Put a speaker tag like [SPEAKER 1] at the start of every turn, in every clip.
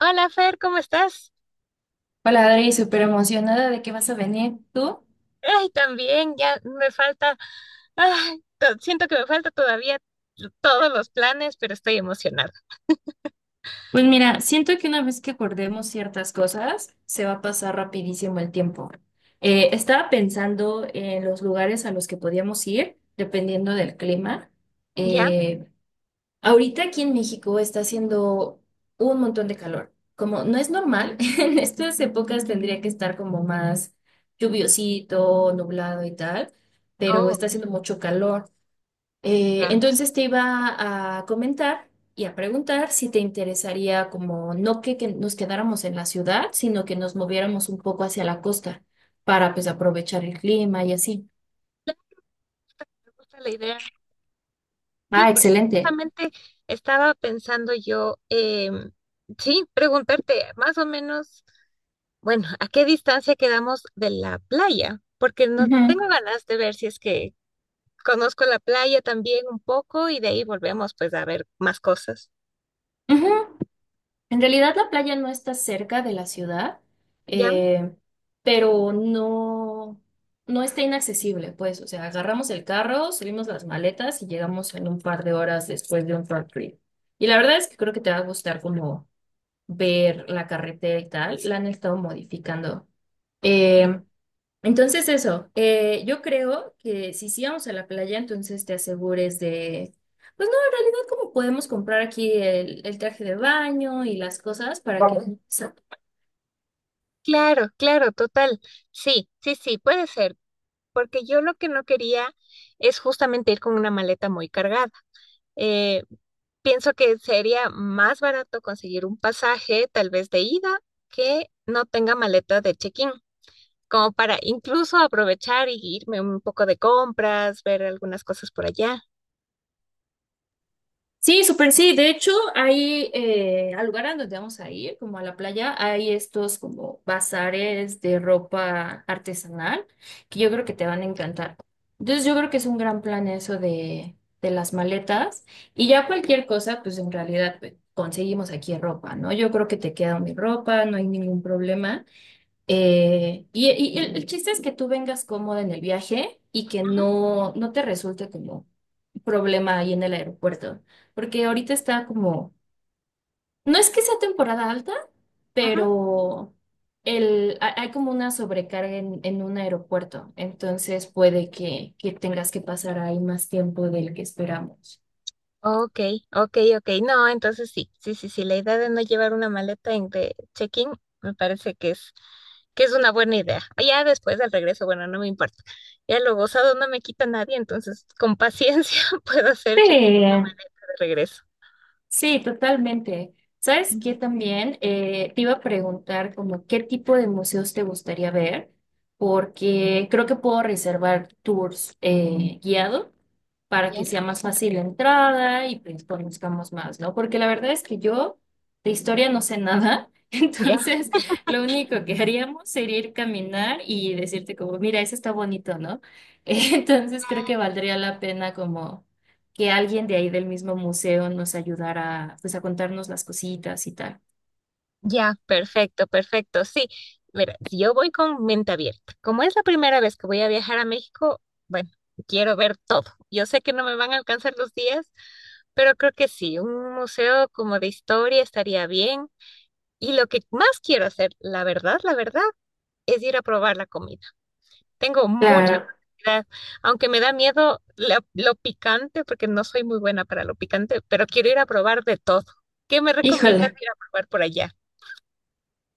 [SPEAKER 1] Hola Fer, ¿cómo estás?
[SPEAKER 2] Hola Adri, súper emocionada de que vas a venir tú.
[SPEAKER 1] Ay, también, ya me falta, ay, siento que me falta todavía todos los planes, pero estoy emocionada.
[SPEAKER 2] Pues mira, siento que una vez que acordemos ciertas cosas, se va a pasar rapidísimo el tiempo. Estaba pensando en los lugares a los que podíamos ir, dependiendo del clima.
[SPEAKER 1] ¿Ya?
[SPEAKER 2] Eh, Ahorita aquí en México está haciendo un montón de calor. Como no es normal, en estas épocas tendría que estar como más lluviosito, nublado y tal, pero
[SPEAKER 1] Oh,
[SPEAKER 2] está haciendo mucho calor.
[SPEAKER 1] ya,
[SPEAKER 2] Entonces te iba a comentar y a preguntar si te interesaría como no que nos quedáramos en la ciudad, sino que nos moviéramos un poco hacia la costa para pues aprovechar el clima y así.
[SPEAKER 1] me gusta la idea.
[SPEAKER 2] Ah,
[SPEAKER 1] Sí, porque
[SPEAKER 2] excelente.
[SPEAKER 1] justamente estaba pensando yo, sí, preguntarte más o menos, bueno, ¿a qué distancia quedamos de la playa? Porque no tengo
[SPEAKER 2] Ujú,
[SPEAKER 1] ganas de ver si es que conozco la playa también un poco y de ahí volvemos pues a ver más cosas.
[SPEAKER 2] ujú. En realidad la playa no está cerca de la ciudad,
[SPEAKER 1] ¿Ya?
[SPEAKER 2] eh, pero no, no está inaccesible, pues, o sea, agarramos el carro, subimos las maletas y llegamos en un par de horas después de un road trip. Y la verdad es que creo que te va a gustar como ver la carretera y tal, la han estado modificando. Eh, entonces yo creo que si sí vamos a la playa, entonces te asegures de, pues no, en realidad como podemos comprar aquí el traje de baño y las cosas para que vamos.
[SPEAKER 1] Claro, claro, total. Sí, sí, sí, puede ser, porque yo lo que no quería es justamente ir con una maleta muy cargada. Eh, Pienso que sería más barato conseguir un pasaje, tal vez de ida, que no tenga maleta de check-in, como para incluso aprovechar y irme un poco de compras, ver algunas cosas por allá.
[SPEAKER 2] Sí, súper sí. De hecho, hay al lugar a donde vamos a ir, como a la playa, hay estos como bazares de ropa artesanal que yo creo que te van a encantar. Entonces, yo creo que es un gran plan eso de las maletas y ya cualquier cosa, pues en realidad pues, conseguimos aquí ropa, ¿no? Yo creo que te queda mi ropa, no hay ningún problema. Y el chiste es que tú vengas cómoda en el viaje y que
[SPEAKER 1] Ujú,
[SPEAKER 2] no te resulte como problema ahí en el aeropuerto, porque ahorita está como, no es que sea temporada alta,
[SPEAKER 1] ujú.
[SPEAKER 2] pero hay como una sobrecarga en un aeropuerto, entonces puede que tengas que pasar ahí más tiempo del que esperamos.
[SPEAKER 1] Ok, ok, ok. No, entonces sí, sí, sí, sí. La idea de no llevar una maleta en de check-in me parece que es una buena idea. Ah, ya después del regreso, bueno, no me importa. Ya lo gozado no me quita nadie, entonces con paciencia puedo hacer check-in
[SPEAKER 2] Sí.
[SPEAKER 1] de regreso.
[SPEAKER 2] Sí, totalmente. ¿Sabes
[SPEAKER 1] Mm,
[SPEAKER 2] qué también? Te iba a preguntar como qué tipo de museos te gustaría ver, porque creo que puedo reservar tours guiado para
[SPEAKER 1] ¿ya?
[SPEAKER 2] que sea más fácil la entrada y pues conozcamos más, ¿no? Porque la verdad es que yo de historia no sé nada, entonces lo único que haríamos sería ir caminar y decirte como, mira, eso está bonito, ¿no? Entonces creo que valdría la pena como que alguien de ahí del mismo museo nos ayudara pues a contarnos las cositas y tal.
[SPEAKER 1] Ya, perfecto, perfecto. Sí, mira, si yo voy con mente abierta. Como es la primera vez que voy a viajar a México, bueno, quiero ver todo. Yo sé que no me van a alcanzar los días, pero creo que sí, un museo como de historia estaría bien. Y lo que más quiero hacer, la verdad, es ir a probar la comida. Tengo mucha
[SPEAKER 2] Claro,
[SPEAKER 1] curiosidad, aunque me da miedo lo picante, porque no soy muy buena para lo picante, pero quiero ir a probar de todo. ¿Qué me recomiendas
[SPEAKER 2] híjole,
[SPEAKER 1] ir a probar por allá?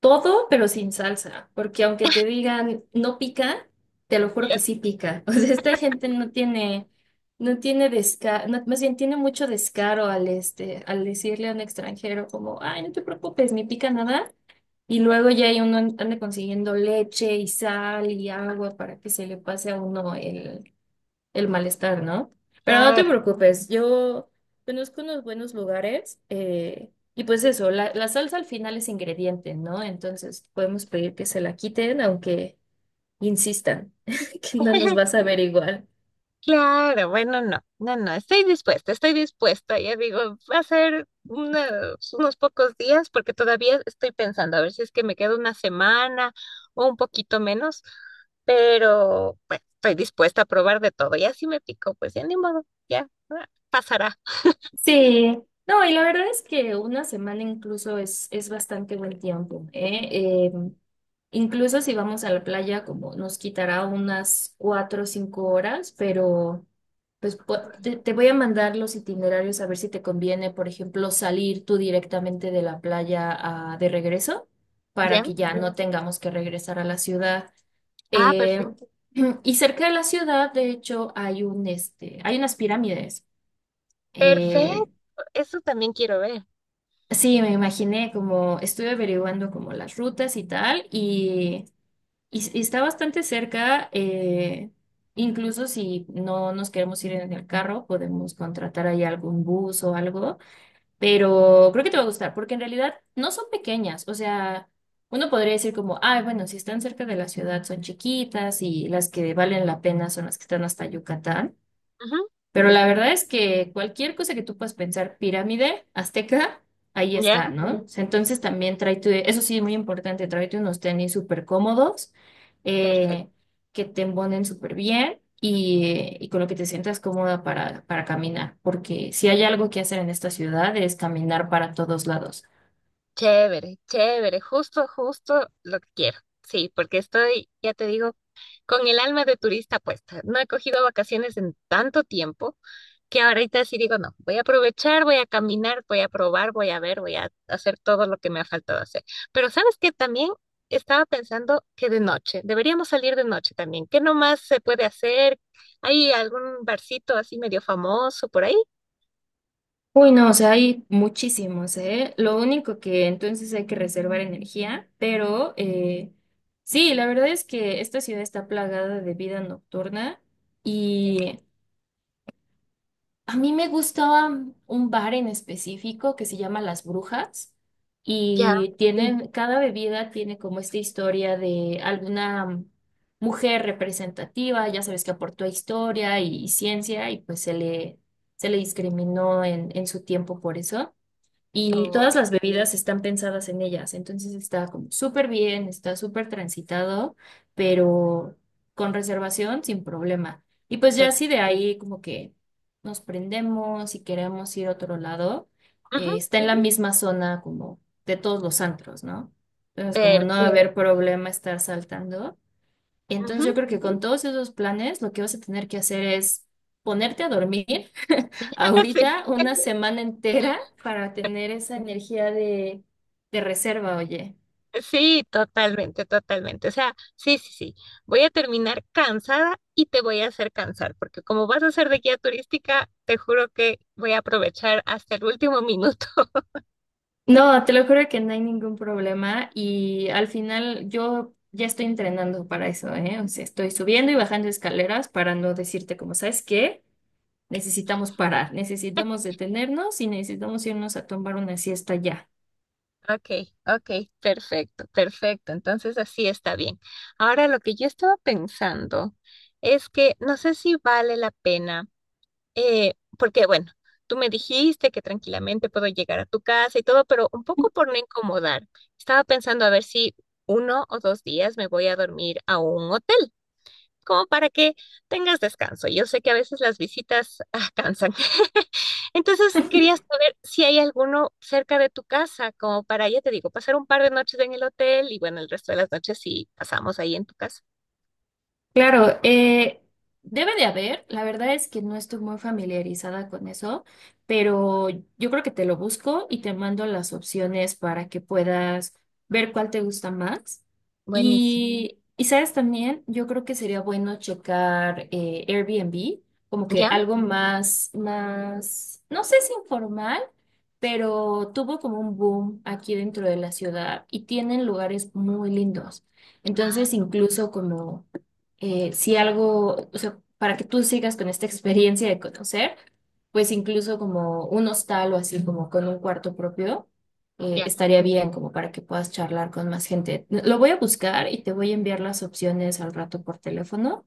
[SPEAKER 2] todo, pero sin salsa, porque aunque te digan no pica, te lo juro
[SPEAKER 1] Ya,
[SPEAKER 2] que sí pica. O sea, esta gente no tiene, no tiene descaro, más bien tiene mucho descaro al decirle a un extranjero como, ay, no te preocupes, ni pica nada. Y
[SPEAKER 1] ya.
[SPEAKER 2] luego ya hay uno anda consiguiendo leche y sal y agua para que se le pase a uno el malestar, ¿no? Pero no te
[SPEAKER 1] Claro.
[SPEAKER 2] preocupes, yo conozco unos buenos lugares y pues eso, la salsa al final es ingrediente, ¿no? Entonces podemos pedir que se la quiten, aunque insistan que no nos vas a ver igual.
[SPEAKER 1] Claro, bueno, no, no, no, estoy dispuesta, estoy dispuesta. Ya digo, va a ser unos, unos pocos días porque todavía estoy pensando a ver si es que me quedo una semana o un poquito menos, pero bueno, estoy dispuesta a probar de todo. Ya si me pico, pues ya ni modo, pasará.
[SPEAKER 2] Sí, no, y la verdad es que una semana incluso es bastante buen tiempo, ¿eh? Eh, Incluso si vamos a la playa, como nos quitará unas cuatro o cinco horas, pero pues te voy a mandar los itinerarios a ver si te conviene, por ejemplo, salir tú directamente de la playa de regreso para
[SPEAKER 1] ¿Ya?
[SPEAKER 2] que ya no tengamos que regresar a la ciudad.
[SPEAKER 1] Ah,
[SPEAKER 2] Eh,
[SPEAKER 1] perfecto.
[SPEAKER 2] y cerca de la ciudad, de hecho, hay unas pirámides.
[SPEAKER 1] Perfecto,
[SPEAKER 2] Eh,
[SPEAKER 1] eso también quiero ver.
[SPEAKER 2] Sí, me imaginé como estuve averiguando como las rutas y tal, y está bastante cerca, incluso si no nos queremos ir en el carro, podemos contratar ahí algún bus o algo, pero creo que te va a gustar, porque en realidad no son pequeñas, o sea, uno podría decir como, ay, bueno, si están cerca de la ciudad son chiquitas y las que valen la pena son las que están hasta Yucatán.
[SPEAKER 1] Ujú,
[SPEAKER 2] Pero la verdad es que cualquier cosa que tú puedas pensar, pirámide, azteca, ahí
[SPEAKER 1] ya,
[SPEAKER 2] está, ¿no? O sea, entonces también tráete, eso sí, muy importante, tráete unos tenis súper cómodos, eh,
[SPEAKER 1] perfecto.
[SPEAKER 2] que te embonen súper bien y con lo que te sientas cómoda para caminar, porque si hay algo que hacer en esta ciudad es caminar para todos lados.
[SPEAKER 1] Chévere, chévere, justo, justo lo que quiero. Sí, porque estoy, ya te digo con el alma de turista puesta. No he cogido vacaciones en tanto tiempo que ahorita sí digo, no, voy a aprovechar, voy a caminar, voy a probar, voy a ver, voy a hacer todo lo que me ha faltado hacer. Pero sabes que también estaba pensando que de noche, deberíamos salir de noche también. ¿Qué nomás se puede hacer? ¿Hay algún barcito así medio famoso por ahí?
[SPEAKER 2] Uy, no, o sea, hay muchísimos, ¿eh? Lo único que entonces hay que reservar energía, pero sí, la verdad es que esta ciudad está plagada de vida nocturna y a mí me gustaba un bar en específico que se llama Las Brujas
[SPEAKER 1] Ya.
[SPEAKER 2] y, sí, tienen, cada bebida tiene como esta historia de alguna mujer representativa, ya sabes que aportó historia y, ciencia y pues se le discriminó en su tiempo por eso. Y
[SPEAKER 1] Oh,
[SPEAKER 2] todas las bebidas están pensadas en ellas, entonces está como súper bien, está súper transitado, pero con reservación sin problema. Y pues ya
[SPEAKER 1] per-
[SPEAKER 2] así de ahí como que nos prendemos y queremos ir a otro lado,
[SPEAKER 1] ujú,
[SPEAKER 2] está en la misma zona como de todos los antros, ¿no? Entonces como no va a, sí,
[SPEAKER 1] perfecto.
[SPEAKER 2] haber problema estar saltando.
[SPEAKER 1] Ujú,
[SPEAKER 2] Entonces yo creo que con todos esos planes lo que vas a tener que hacer es ponerte a dormir
[SPEAKER 1] sí.
[SPEAKER 2] ahorita una semana entera para tener esa energía de reserva, oye.
[SPEAKER 1] Sí, totalmente, totalmente. O sea, sí, sí, sí. Voy a terminar cansada y te voy a hacer cansar, porque como vas a ser de guía turística, te juro que voy a aprovechar hasta el último minuto.
[SPEAKER 2] No, te lo juro que no hay ningún problema y al final yo ya estoy entrenando para eso, ¿eh? O sea, estoy subiendo y bajando escaleras para no decirte como, ¿sabes qué? Necesitamos parar, necesitamos detenernos y necesitamos irnos a tomar una siesta ya.
[SPEAKER 1] Okay, okay, perfecto, perfecto. Entonces así está bien. Ahora lo que yo estaba pensando es que no sé si vale la pena. Porque bueno, tú me dijiste que tranquilamente puedo llegar a tu casa y todo, pero un poco por no incomodar. Estaba pensando a ver si uno o dos días me voy a dormir a un hotel, como para que tengas descanso. Yo sé que a veces las visitas cansan. Entonces quería saber si hay alguno cerca de tu casa, como para, ya te digo, pasar un par de noches en el hotel y bueno, el resto de las noches sí pasamos ahí en tu casa.
[SPEAKER 2] Claro, debe de haber, la verdad es que no estoy muy familiarizada con eso, pero yo creo que te lo busco y te mando las opciones para que puedas ver cuál te gusta más.
[SPEAKER 1] Buenísimo.
[SPEAKER 2] Y sabes también, yo creo que sería bueno checar Airbnb, como que
[SPEAKER 1] ¿Ya?
[SPEAKER 2] algo más, no sé si informal, pero tuvo como un boom aquí dentro de la ciudad y tienen lugares muy lindos.
[SPEAKER 1] Ah,
[SPEAKER 2] Entonces, incluso como si algo, o sea, para que tú sigas con esta experiencia de conocer, pues incluso como un hostal o así como con un cuarto propio,
[SPEAKER 1] ya,
[SPEAKER 2] estaría bien como para que puedas charlar con más gente. Lo voy a buscar y te voy a enviar las opciones al rato por teléfono.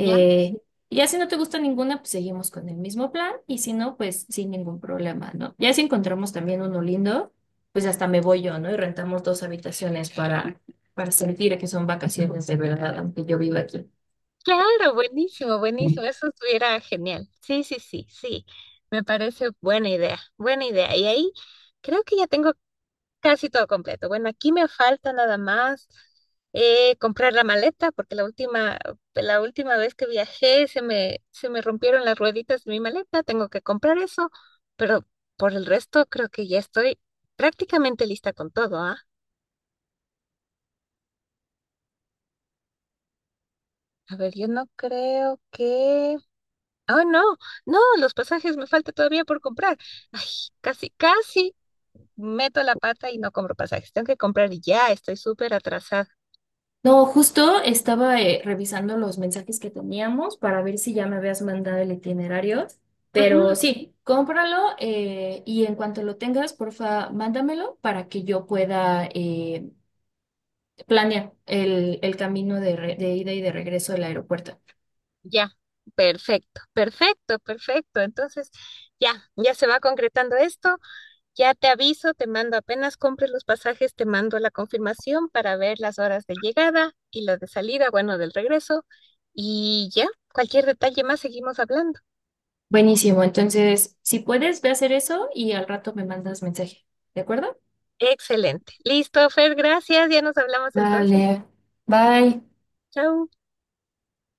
[SPEAKER 1] ya.
[SPEAKER 2] y ya si no te gusta ninguna, pues seguimos con el mismo plan y si no, pues sin ningún problema, ¿no? Ya si encontramos también uno lindo, pues hasta me voy yo, ¿no? Y rentamos dos habitaciones para sentir que son vacaciones de verdad, aunque yo viva aquí.
[SPEAKER 1] Claro, buenísimo, buenísimo. Eso estuviera genial. Sí, sí, sí, sí. Me parece buena idea, buena idea. Y ahí creo que ya tengo casi todo completo. Bueno, aquí me falta nada más comprar la maleta, porque la última vez que viajé se me rompieron las rueditas de mi maleta. Tengo que comprar eso, pero por el resto creo que ya estoy prácticamente lista con todo, ¿ah? A ver, yo no creo que... Oh, no, no, los pasajes me falta todavía por comprar. Ay, casi, casi meto la pata y no compro pasajes. Tengo que comprar ya, estoy súper atrasada.
[SPEAKER 2] No, justo estaba revisando los mensajes que teníamos para ver si ya me habías mandado el itinerario,
[SPEAKER 1] Ujú,
[SPEAKER 2] pero sí, cómpralo y en cuanto lo tengas, porfa, mándamelo para que yo pueda planear el camino de ida y de regreso del aeropuerto.
[SPEAKER 1] ya, perfecto, perfecto, perfecto. Entonces, ya, ya se va concretando esto. Ya te aviso, te mando apenas compres los pasajes, te mando la confirmación para ver las horas de llegada y las de salida, bueno, del regreso. Y ya, cualquier detalle más seguimos hablando.
[SPEAKER 2] Buenísimo, entonces, si puedes, ve a hacer eso y al rato me mandas mensaje, ¿de acuerdo?
[SPEAKER 1] Excelente. Listo, Fer, gracias. Ya nos hablamos entonces.
[SPEAKER 2] Vale, bye.
[SPEAKER 1] Chau.